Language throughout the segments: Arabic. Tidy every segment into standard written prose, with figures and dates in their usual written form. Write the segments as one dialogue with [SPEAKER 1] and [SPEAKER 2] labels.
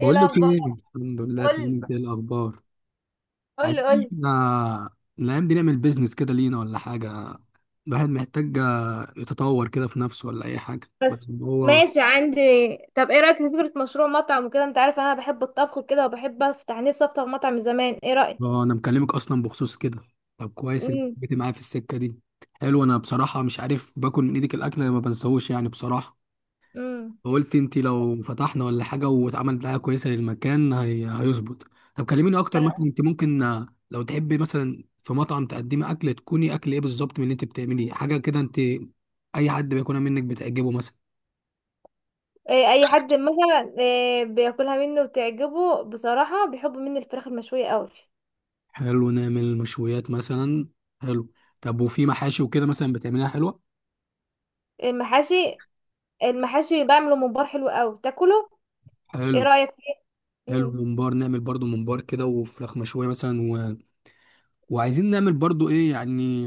[SPEAKER 1] ايه
[SPEAKER 2] لك
[SPEAKER 1] الاخبار؟
[SPEAKER 2] ايه؟ الحمد لله، تمام.
[SPEAKER 1] قولي
[SPEAKER 2] انت ايه الاخبار؟
[SPEAKER 1] قولي
[SPEAKER 2] عايزين
[SPEAKER 1] قولي.
[SPEAKER 2] احنا الايام دي نعمل بيزنس كده لينا، ولا حاجه؟ الواحد محتاج يتطور كده في نفسه، ولا اي حاجه، بس
[SPEAKER 1] بس
[SPEAKER 2] إن هو.
[SPEAKER 1] ماشي عندي. طب ايه رأيك في فكرة مشروع مطعم وكده؟ انت عارف انا بحب الطبخ وكده، وبحب افتح نفسي افتح مطعم من زمان. ايه رأيك؟
[SPEAKER 2] اه، انا مكلمك اصلا بخصوص كده. طب، كويس انك
[SPEAKER 1] امم
[SPEAKER 2] جيت معايا في السكه دي. حلو. انا بصراحه مش عارف، باكل من ايدك الاكل ما بنساهوش يعني بصراحه.
[SPEAKER 1] امم
[SPEAKER 2] فقلت انت لو فتحنا ولا حاجه واتعملت دعايه كويسه للمكان هيظبط. طب، كلميني اكتر. مثلا انت ممكن، لو تحبي مثلا في مطعم تقدمي اكل، تكوني اكل ايه بالظبط من اللي انت بتعمليه حاجه كده انت، اي حد بياكلها منك بتعجبه مثلا؟
[SPEAKER 1] إيه، اي حد مثلا إيه بياكلها مني وتعجبه؟ بصراحة بيحب مني الفراخ المشوية قوي.
[SPEAKER 2] حلو، نعمل مشويات مثلا. حلو. طب، وفي محاشي وكده مثلا بتعمليها حلوه؟
[SPEAKER 1] المحاشي المحاشي بعمله ممبار حلو قوي تاكله. ايه
[SPEAKER 2] حلو.
[SPEAKER 1] رأيك فيه؟
[SPEAKER 2] حلو.
[SPEAKER 1] امم
[SPEAKER 2] ممبار، نعمل برضو ممبار كده وفراخ مشويه مثلا وعايزين نعمل برضو ايه يعني.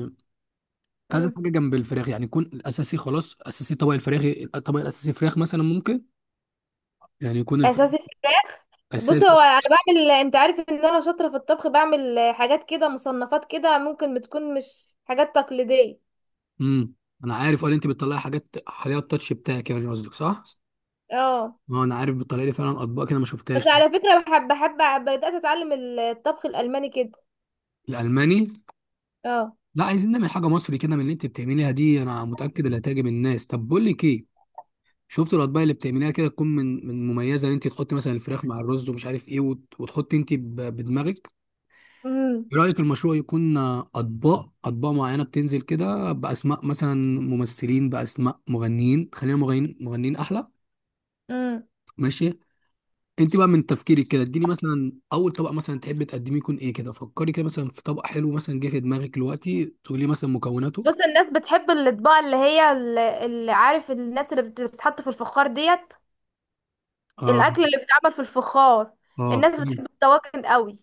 [SPEAKER 2] كنت عايز
[SPEAKER 1] امم
[SPEAKER 2] حاجه جنب الفراخ، يعني يكون الاساسي خلاص، اساسي طبق الفراخ. الطبق الاساسي فراخ مثلا ممكن، يعني يكون الفراخ
[SPEAKER 1] اساسي.
[SPEAKER 2] اساسي.
[SPEAKER 1] بص، هو انا بعمل، انت عارف ان انا شاطره في الطبخ، بعمل حاجات كده مصنفات كده، ممكن بتكون مش حاجات تقليديه.
[SPEAKER 2] امم انا عارف. قال انت بتطلعي حاجات، حاجات التاتش بتاعك يعني قصدك صح.
[SPEAKER 1] اه.
[SPEAKER 2] ما انا عارف بتطلعي لي فعلا اطباق كده ما
[SPEAKER 1] بس
[SPEAKER 2] شفتهاش.
[SPEAKER 1] على فكره بحب بحب بدات اتعلم الطبخ الالماني كده.
[SPEAKER 2] الالماني؟
[SPEAKER 1] اه.
[SPEAKER 2] لا، عايزين نعمل حاجه مصري كده من اللي انت بتعمليها دي، انا متاكد اللي هتعجب الناس. طب، بقول لك ايه. شفت الاطباق اللي بتعمليها كده، تكون من مميزه ان انت تحطي مثلا الفراخ مع الرز ومش عارف ايه، وتحطي انت بدماغك.
[SPEAKER 1] امم
[SPEAKER 2] ايه رأيك المشروع يكون اطباق معينة بتنزل كده باسماء مثلا؟ ممثلين باسماء مغنيين، خلينا مغنيين، مغنيين احلى.
[SPEAKER 1] امم
[SPEAKER 2] ماشي. انت بقى من تفكيرك كده، اديني مثلا اول طبق مثلا تحبي تقدميه يكون ايه كده. فكري كده مثلا في طبق حلو، مثلا جه في دماغك دلوقتي تقولي مثلا مكوناته.
[SPEAKER 1] بص، الناس بتحب الاطباق اللي هي، اللي عارف، الناس اللي بتتحط في الفخار ديت،
[SPEAKER 2] اه.
[SPEAKER 1] الاكل اللي بيتعمل في الفخار.
[SPEAKER 2] اه،
[SPEAKER 1] الناس
[SPEAKER 2] دي.
[SPEAKER 1] بتحب الطواجن قوي.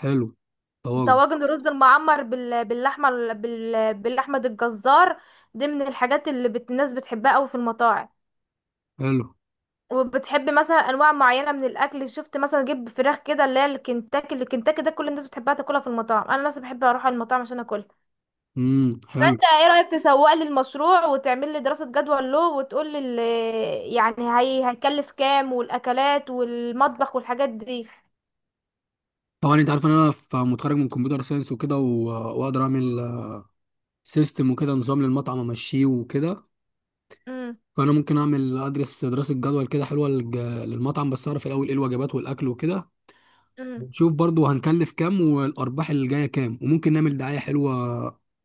[SPEAKER 2] حلو. طواجن.
[SPEAKER 1] طواجن الرز المعمر باللحمه باللحمه، دي الجزار. دي من الحاجات اللي الناس بتحبها قوي في المطاعم.
[SPEAKER 2] حلو.
[SPEAKER 1] وبتحب مثلا انواع معينه من الاكل، شفت مثلا جيب فراخ كده اللي هي الكنتاكي. الكنتاكي ده كل الناس بتحبها تاكلها في المطاعم، انا نفسي بحب اروح على المطاعم عشان اكلها.
[SPEAKER 2] امم. حلو.
[SPEAKER 1] فانت ايه رايك تسوق لي المشروع وتعمل لي دراسه جدوى له، وتقول لي يعني هيكلف كام، والاكلات والمطبخ والحاجات دي؟
[SPEAKER 2] طبعا انت عارف ان انا متخرج من كمبيوتر ساينس وكده، واقدر اعمل سيستم وكده، نظام للمطعم امشيه وكده. فانا ممكن اعمل، ادرس دراسه جدول كده حلوه للمطعم، بس اعرف الاول ايه الوجبات والاكل وكده.
[SPEAKER 1] امم
[SPEAKER 2] ونشوف برضو هنكلف كام، والارباح اللي جايه كام. وممكن نعمل دعايه حلوه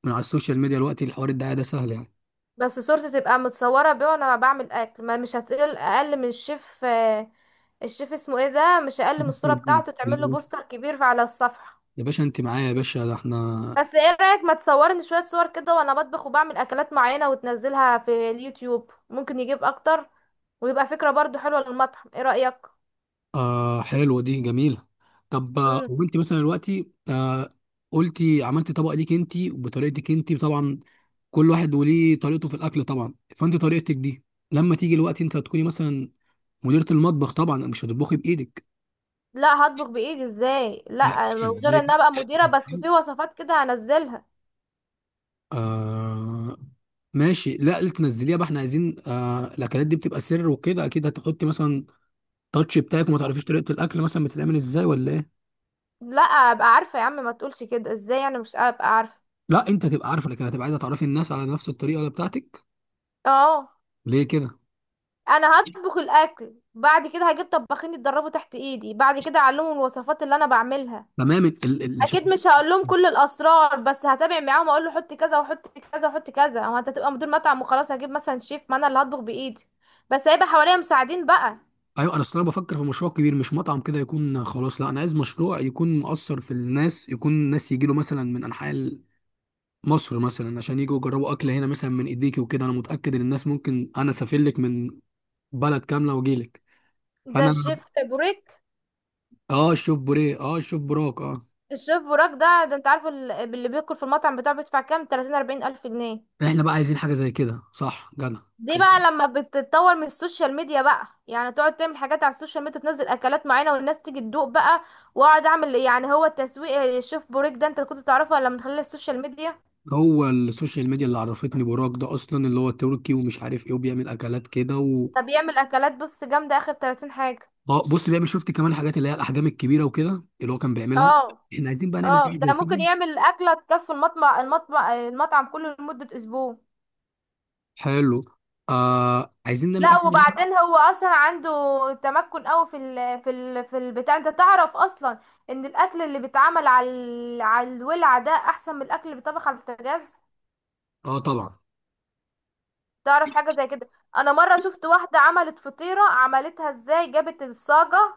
[SPEAKER 2] من على السوشيال ميديا، الوقت الحوار الدعايه ده سهل يعني.
[SPEAKER 1] بس صورتي تبقى متصورة بيه وانا بعمل اكل، ما مش هتقل اقل من الشيف. الشيف اسمه ايه ده، مش اقل من الصورة بتاعته، تعمل له بوستر كبير على الصفحة.
[SPEAKER 2] يا باشا، انت معايا يا باشا، ده احنا.
[SPEAKER 1] بس ايه رأيك ما تصورني شوية صور كده وانا بطبخ وبعمل اكلات معينة، وتنزلها في اليوتيوب؟ ممكن يجيب اكتر، ويبقى فكرة برضو حلوة للمطعم. ايه رأيك؟
[SPEAKER 2] آه، حلوه دي، جميله. طب،
[SPEAKER 1] مم.
[SPEAKER 2] وانت مثلا دلوقتي قلتي عملتي طبق ليك انت وبطريقتك انت طبعا. كل واحد وليه طريقته في الاكل طبعا، فانت طريقتك دي. لما تيجي الوقت، انت هتكوني مثلا مديرة المطبخ، طبعا مش هتطبخي بايدك.
[SPEAKER 1] لا، هطبخ بايدي، ازاي؟
[SPEAKER 2] لا،
[SPEAKER 1] لا.
[SPEAKER 2] ازاي
[SPEAKER 1] غير ان
[SPEAKER 2] دي؟
[SPEAKER 1] ابقى مديرة، بس في وصفات كده هنزلها.
[SPEAKER 2] آه، ماشي. لا، اللي تنزليها بقى، احنا عايزين الاكلات دي بتبقى سر وكده، اكيد هتحطي مثلا تاتش بتاعك وما تعرفيش طريقة الاكل مثلا بتتعمل ازاي ولا ايه.
[SPEAKER 1] لا، ابقى عارفة يا عم، ما تقولش كده، ازاي يعني مش ابقى عارفة؟
[SPEAKER 2] لا، انت هتبقى عارفه، لكن هتبقى عايزه تعرفي الناس على نفس الطريقه اللي بتاعتك
[SPEAKER 1] اه.
[SPEAKER 2] ليه كده.
[SPEAKER 1] انا هطبخ الاكل، بعد كده هجيب طباخين يتدربوا تحت ايدي، بعد كده اعلمهم الوصفات اللي انا بعملها.
[SPEAKER 2] تمام.
[SPEAKER 1] اكيد مش هقول لهم كل الاسرار، بس هتابع معاهم، اقول له حط كذا وحط كذا وحط كذا. هو انت هتبقى مدير مطعم وخلاص؟ هجيب مثلا شيف، ما انا اللي هطبخ بايدي، بس هيبقى حواليا مساعدين بقى.
[SPEAKER 2] ايوه، انا اصل انا بفكر في مشروع كبير، مش مطعم كده يكون خلاص، لا انا عايز مشروع يكون مؤثر في الناس، يكون الناس يجي له مثلا من انحاء مصر مثلا عشان يجوا يجربوا اكل هنا مثلا من ايديكي وكده. انا متاكد ان الناس ممكن، انا اسافر لك من بلد كامله واجي لك.
[SPEAKER 1] زي
[SPEAKER 2] فانا،
[SPEAKER 1] الشيف بوريك.
[SPEAKER 2] اه شوف بوريه، شوف براك،
[SPEAKER 1] الشيف بوراك ده، ده انت عارف، اللي بياكل في المطعم بتاعه بيدفع كام؟ 30 40 الف جنيه.
[SPEAKER 2] احنا بقى عايزين حاجه زي كده، صح جدع.
[SPEAKER 1] دي بقى
[SPEAKER 2] عايزين-
[SPEAKER 1] لما بتتطور من السوشيال ميديا بقى، يعني تقعد تعمل حاجات على السوشيال ميديا، تنزل اكلات معينه والناس تيجي تدوق بقى، واقعد اعمل، يعني هو التسويق. الشيف بوريك ده انت كنت تعرفه ولا من خلال السوشيال ميديا؟
[SPEAKER 2] هو السوشيال ميديا اللي عرفتني براك ده اصلا، اللي هو تركي ومش عارف ايه، وبيعمل اكلات كده
[SPEAKER 1] ده بيعمل اكلات، بص، جامده اخر 30 حاجه.
[SPEAKER 2] بص، بيعمل، شفت كمان الحاجات اللي هي الاحجام الكبيره وكده اللي هو كان بيعملها.
[SPEAKER 1] اه.
[SPEAKER 2] احنا عايزين بقى نعمل
[SPEAKER 1] اه،
[SPEAKER 2] حاجه زي
[SPEAKER 1] ده ممكن
[SPEAKER 2] كده.
[SPEAKER 1] يعمل اكله تكفي المطمع المطمع المطعم كله لمده اسبوع.
[SPEAKER 2] حلو. آه، عايزين نعمل
[SPEAKER 1] لا،
[SPEAKER 2] اكل.
[SPEAKER 1] وبعدين هو اصلا عنده تمكن قوي في البتاع، انت تعرف اصلا ان الاكل اللي بيتعمل على على الولعه ده احسن من الاكل اللي بيتطبخ على البوتاجاز.
[SPEAKER 2] اه، طبعا.
[SPEAKER 1] تعرف حاجة زي كده؟ انا مرة شفت واحدة عملت فطيرة، عملتها ازاي؟ جابت الصاجة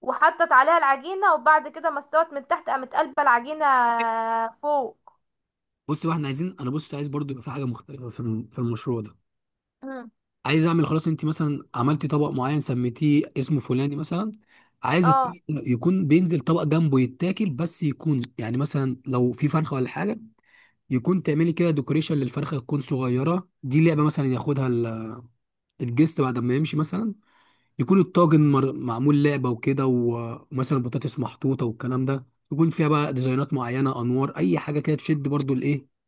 [SPEAKER 1] وحطت عليها العجينة، وبعد كده ما استوت من تحت قامت قلبة العجينة فوق.
[SPEAKER 2] بص بقى، احنا عايزين، انا بص عايز برضو يبقى في حاجه مختلفه في في المشروع ده.
[SPEAKER 1] مم.
[SPEAKER 2] عايز اعمل خلاص، انت مثلا عملتي طبق معين سميتيه اسمه فلاني مثلا. عايز الطبق
[SPEAKER 1] اه.
[SPEAKER 2] يكون بينزل طبق جنبه يتاكل بس، يكون يعني مثلا لو في فرخه ولا حاجه، يكون تعملي كده ديكوريشن للفرخه، تكون صغيره دي لعبه مثلا ياخدها الجست بعد ما يمشي مثلا. يكون الطاجن معمول لعبه وكده، ومثلا بطاطس محطوطه والكلام ده، يكون فيها بقى ديزاينات معينه، انوار اي حاجه كده تشد برضو الايه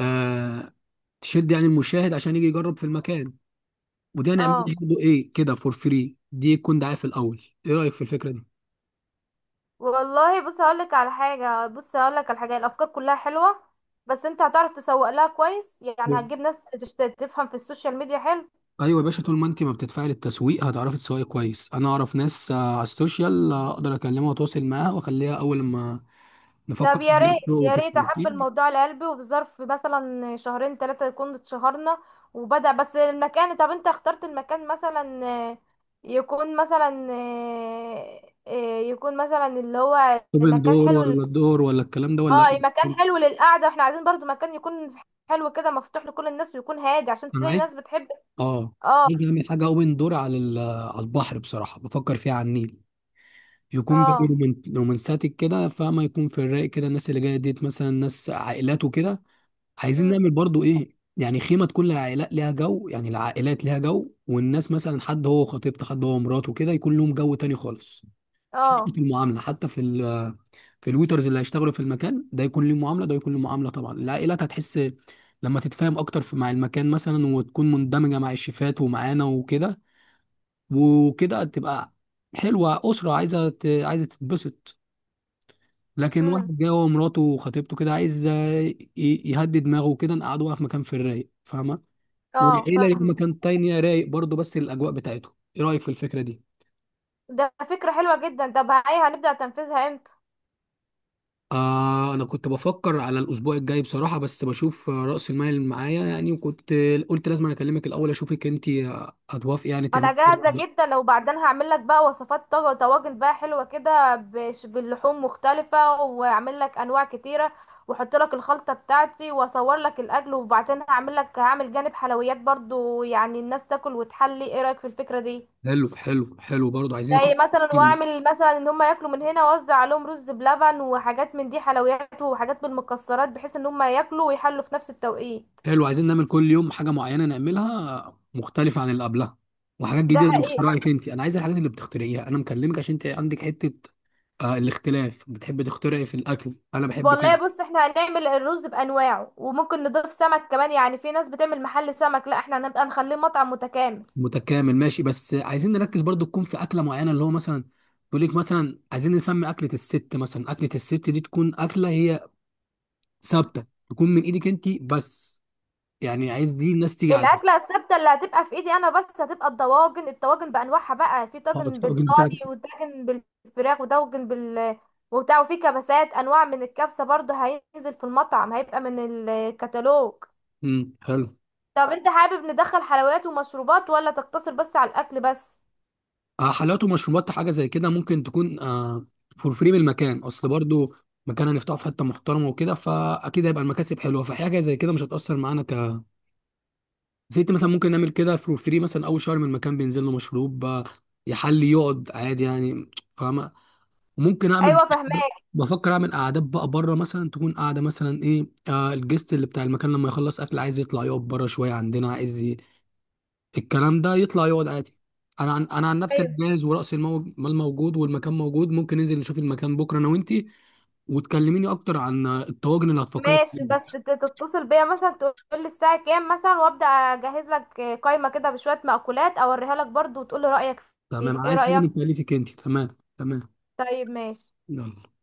[SPEAKER 2] آه، تشد يعني المشاهد عشان يجي يجرب في المكان. ودي هنعمل
[SPEAKER 1] اه،
[SPEAKER 2] برضه ايه كده، فور فري. دي يكون دعايه في الاول. ايه رايك في الفكره دي؟
[SPEAKER 1] والله بص هقولك على حاجة، بص هقولك على حاجة، الافكار كلها حلوة، بس انت هتعرف تسوق لها كويس، يعني
[SPEAKER 2] نعم.
[SPEAKER 1] هتجيب ناس تفهم في السوشيال ميديا؟ حلو.
[SPEAKER 2] ايوه يا باشا، طول ما انت ما بتدفعي للتسويق هتعرفي تسوقي كويس. انا اعرف ناس على السوشيال، اقدر اكلمها واتواصل معاها واخليها اول ما نفكر
[SPEAKER 1] طب يا
[SPEAKER 2] في
[SPEAKER 1] ريت، يا
[SPEAKER 2] في
[SPEAKER 1] ريت احب
[SPEAKER 2] التنفيذ.
[SPEAKER 1] الموضوع لقلبي، وفي ظرف مثلا شهرين 3 يكون اتشهرنا وبدأ بس المكان. طب انت اخترت المكان مثلا؟ يكون مثلا يكون مثلا اللي هو
[SPEAKER 2] اوبن
[SPEAKER 1] مكان
[SPEAKER 2] دور
[SPEAKER 1] حلو
[SPEAKER 2] ولا الدور ولا الكلام ده ولا؟
[SPEAKER 1] اه، مكان حلو للقعدة. احنا عايزين برضو مكان يكون حلو كده مفتوح لكل الناس، ويكون هادي عشان
[SPEAKER 2] انا
[SPEAKER 1] في
[SPEAKER 2] عايز
[SPEAKER 1] ناس بتحب.
[SPEAKER 2] اه
[SPEAKER 1] اه.
[SPEAKER 2] عايز اعمل حاجه اوبن دور على على البحر. بصراحه بفكر فيها على النيل. يكون جاي
[SPEAKER 1] اه.
[SPEAKER 2] رومانساتك كده، فما يكون في الرايق كده، الناس اللي جايه ديت مثلا ناس عائلات وكده. عايزين
[SPEAKER 1] مم،
[SPEAKER 2] نعمل برضو ايه يعني، خيمه تكون العائلات ليها جو، يعني العائلات ليها جو، والناس مثلا حد هو خطيبته، حد هو مراته، كده يكون لهم جو تاني خالص. حتى
[SPEAKER 1] اه.
[SPEAKER 2] في المعامله، حتى في في الويترز اللي هيشتغلوا في المكان ده يكون ليه معامله، ده يكون ليه معامله طبعا. العائلات هتحس لما تتفاهم اكتر مع المكان مثلا، وتكون مندمجه مع الشيفات ومعانا وكده، وكده تبقى حلوه، اسره عايزه عايزه تتبسط. لكن
[SPEAKER 1] مم،
[SPEAKER 2] واحد جاي هو ومراته وخطيبته كده، عايز يهدي دماغه وكده، نقعدوها بقى في مكان في الرايق. فاهمه؟
[SPEAKER 1] اه
[SPEAKER 2] والعيله ليها
[SPEAKER 1] فاهمة.
[SPEAKER 2] مكان تاني رايق برضه، بس الاجواء بتاعته. ايه رايك في الفكره دي؟
[SPEAKER 1] ده فكرة حلوة جدا. طب هاي هنبدأ تنفيذها امتى؟
[SPEAKER 2] آه، انا كنت بفكر على الاسبوع الجاي بصراحه، بس بشوف راس المال اللي معايا يعني، وكنت قلت لازم أنا اكلمك الاول، اشوفك انت هتوافقي يعني
[SPEAKER 1] انا
[SPEAKER 2] تعملي كده
[SPEAKER 1] جاهزه
[SPEAKER 2] ولا لأ.
[SPEAKER 1] جدا. لو بعدين هعمل لك بقى وصفات طاجن، طواجن بقى حلوه كده باللحوم مختلفه، واعمل لك انواع كتيره، واحط لك الخلطه بتاعتي، واصور لك الاكل. وبعدين هعمل جانب حلويات برضو، يعني الناس تاكل وتحلي. ايه رايك في الفكره دي؟
[SPEAKER 2] حلو، حلو، حلو. برضه عايزين
[SPEAKER 1] زي مثلا واعمل مثلا ان هم ياكلوا من هنا، واوزع عليهم رز بلبن وحاجات من دي، حلويات وحاجات بالمكسرات، بحيث ان هم ياكلوا ويحلوا في نفس التوقيت.
[SPEAKER 2] حلو، عايزين نعمل كل يوم حاجة معينة، نعملها مختلفة عن اللي قبلها، وحاجات
[SPEAKER 1] ده
[SPEAKER 2] جديدة
[SPEAKER 1] حقيقي.
[SPEAKER 2] باختراعك انت. انا عايز الحاجات اللي بتخترعيها، انا مكلمك عشان انت عندك حتة. آه، الاختلاف بتحب تخترعي في الاكل، انا بحب
[SPEAKER 1] والله
[SPEAKER 2] كده.
[SPEAKER 1] بص احنا هنعمل الرز بانواعه، وممكن نضيف سمك كمان، يعني في ناس بتعمل محل سمك، لا احنا هنبقى نخليه مطعم متكامل.
[SPEAKER 2] متكامل، ماشي. بس عايزين نركز برضو تكون في اكلة معينة، اللي هو مثلا يقول لك مثلا، عايزين نسمي اكلة الست مثلا. اكلة الست دي تكون اكلة هي ثابتة، تكون من ايدك انت بس، يعني عايز دي الناس تيجي عليها.
[SPEAKER 1] الاكله الثابته اللي هتبقى في ايدي انا بس هتبقى الطواجن بانواعها بقى، في
[SPEAKER 2] اه،
[SPEAKER 1] طاجن
[SPEAKER 2] الطاجن بتاعك.
[SPEAKER 1] بالضاني، وطاجن بالفراخ، وطاجن بال وبتاع، وفي كبسات، انواع من الكبسه برضه هينزل في المطعم، هيبقى من الكتالوج.
[SPEAKER 2] امم، حلو.
[SPEAKER 1] طب انت حابب ندخل حلويات ومشروبات ولا تقتصر بس على الاكل بس؟
[SPEAKER 2] آه، حلويات ومشروبات، حاجه زي كده ممكن تكون فور فري من المكان اصل برضو. مكان هنفتحه في حته محترمه وكده، فاكيد هيبقى المكاسب حلوه، فحاجه زي كده مش هتاثر معانا زيت مثلا. ممكن نعمل كده فور فري مثلا اول شهر من المكان، بينزل له مشروب يحلي، يقعد عادي يعني. فاهمه؟ ممكن اعمل
[SPEAKER 1] ايوه، فهماك.
[SPEAKER 2] بفكر اعمل قعدات بقى بره مثلا، تكون قاعده مثلا ايه، الجست اللي بتاع المكان لما يخلص اكل عايز يطلع يقعد بره شويه عندنا، عايز الكلام ده يطلع يقعد عادي. انا عن نفسي، أنا جاهز ورأس المال موجود والمكان موجود، ممكن ننزل نشوف المكان بكره انا وانتي، وتكلميني اكتر عن الطواجن اللي هتفكري
[SPEAKER 1] ماشي. بس
[SPEAKER 2] فيها.
[SPEAKER 1] تتصل بيا مثلا، تقول لي الساعة كام مثلا، وابدأ اجهز لك قائمة كده بشوية مأكولات، اوريها لك برضو، وتقول لي رأيك
[SPEAKER 2] تمام،
[SPEAKER 1] فيها. ايه
[SPEAKER 2] عايز تيجي
[SPEAKER 1] رأيك؟
[SPEAKER 2] نتكلفك انتي. تمام. تمام.
[SPEAKER 1] طيب ماشي.
[SPEAKER 2] يلا.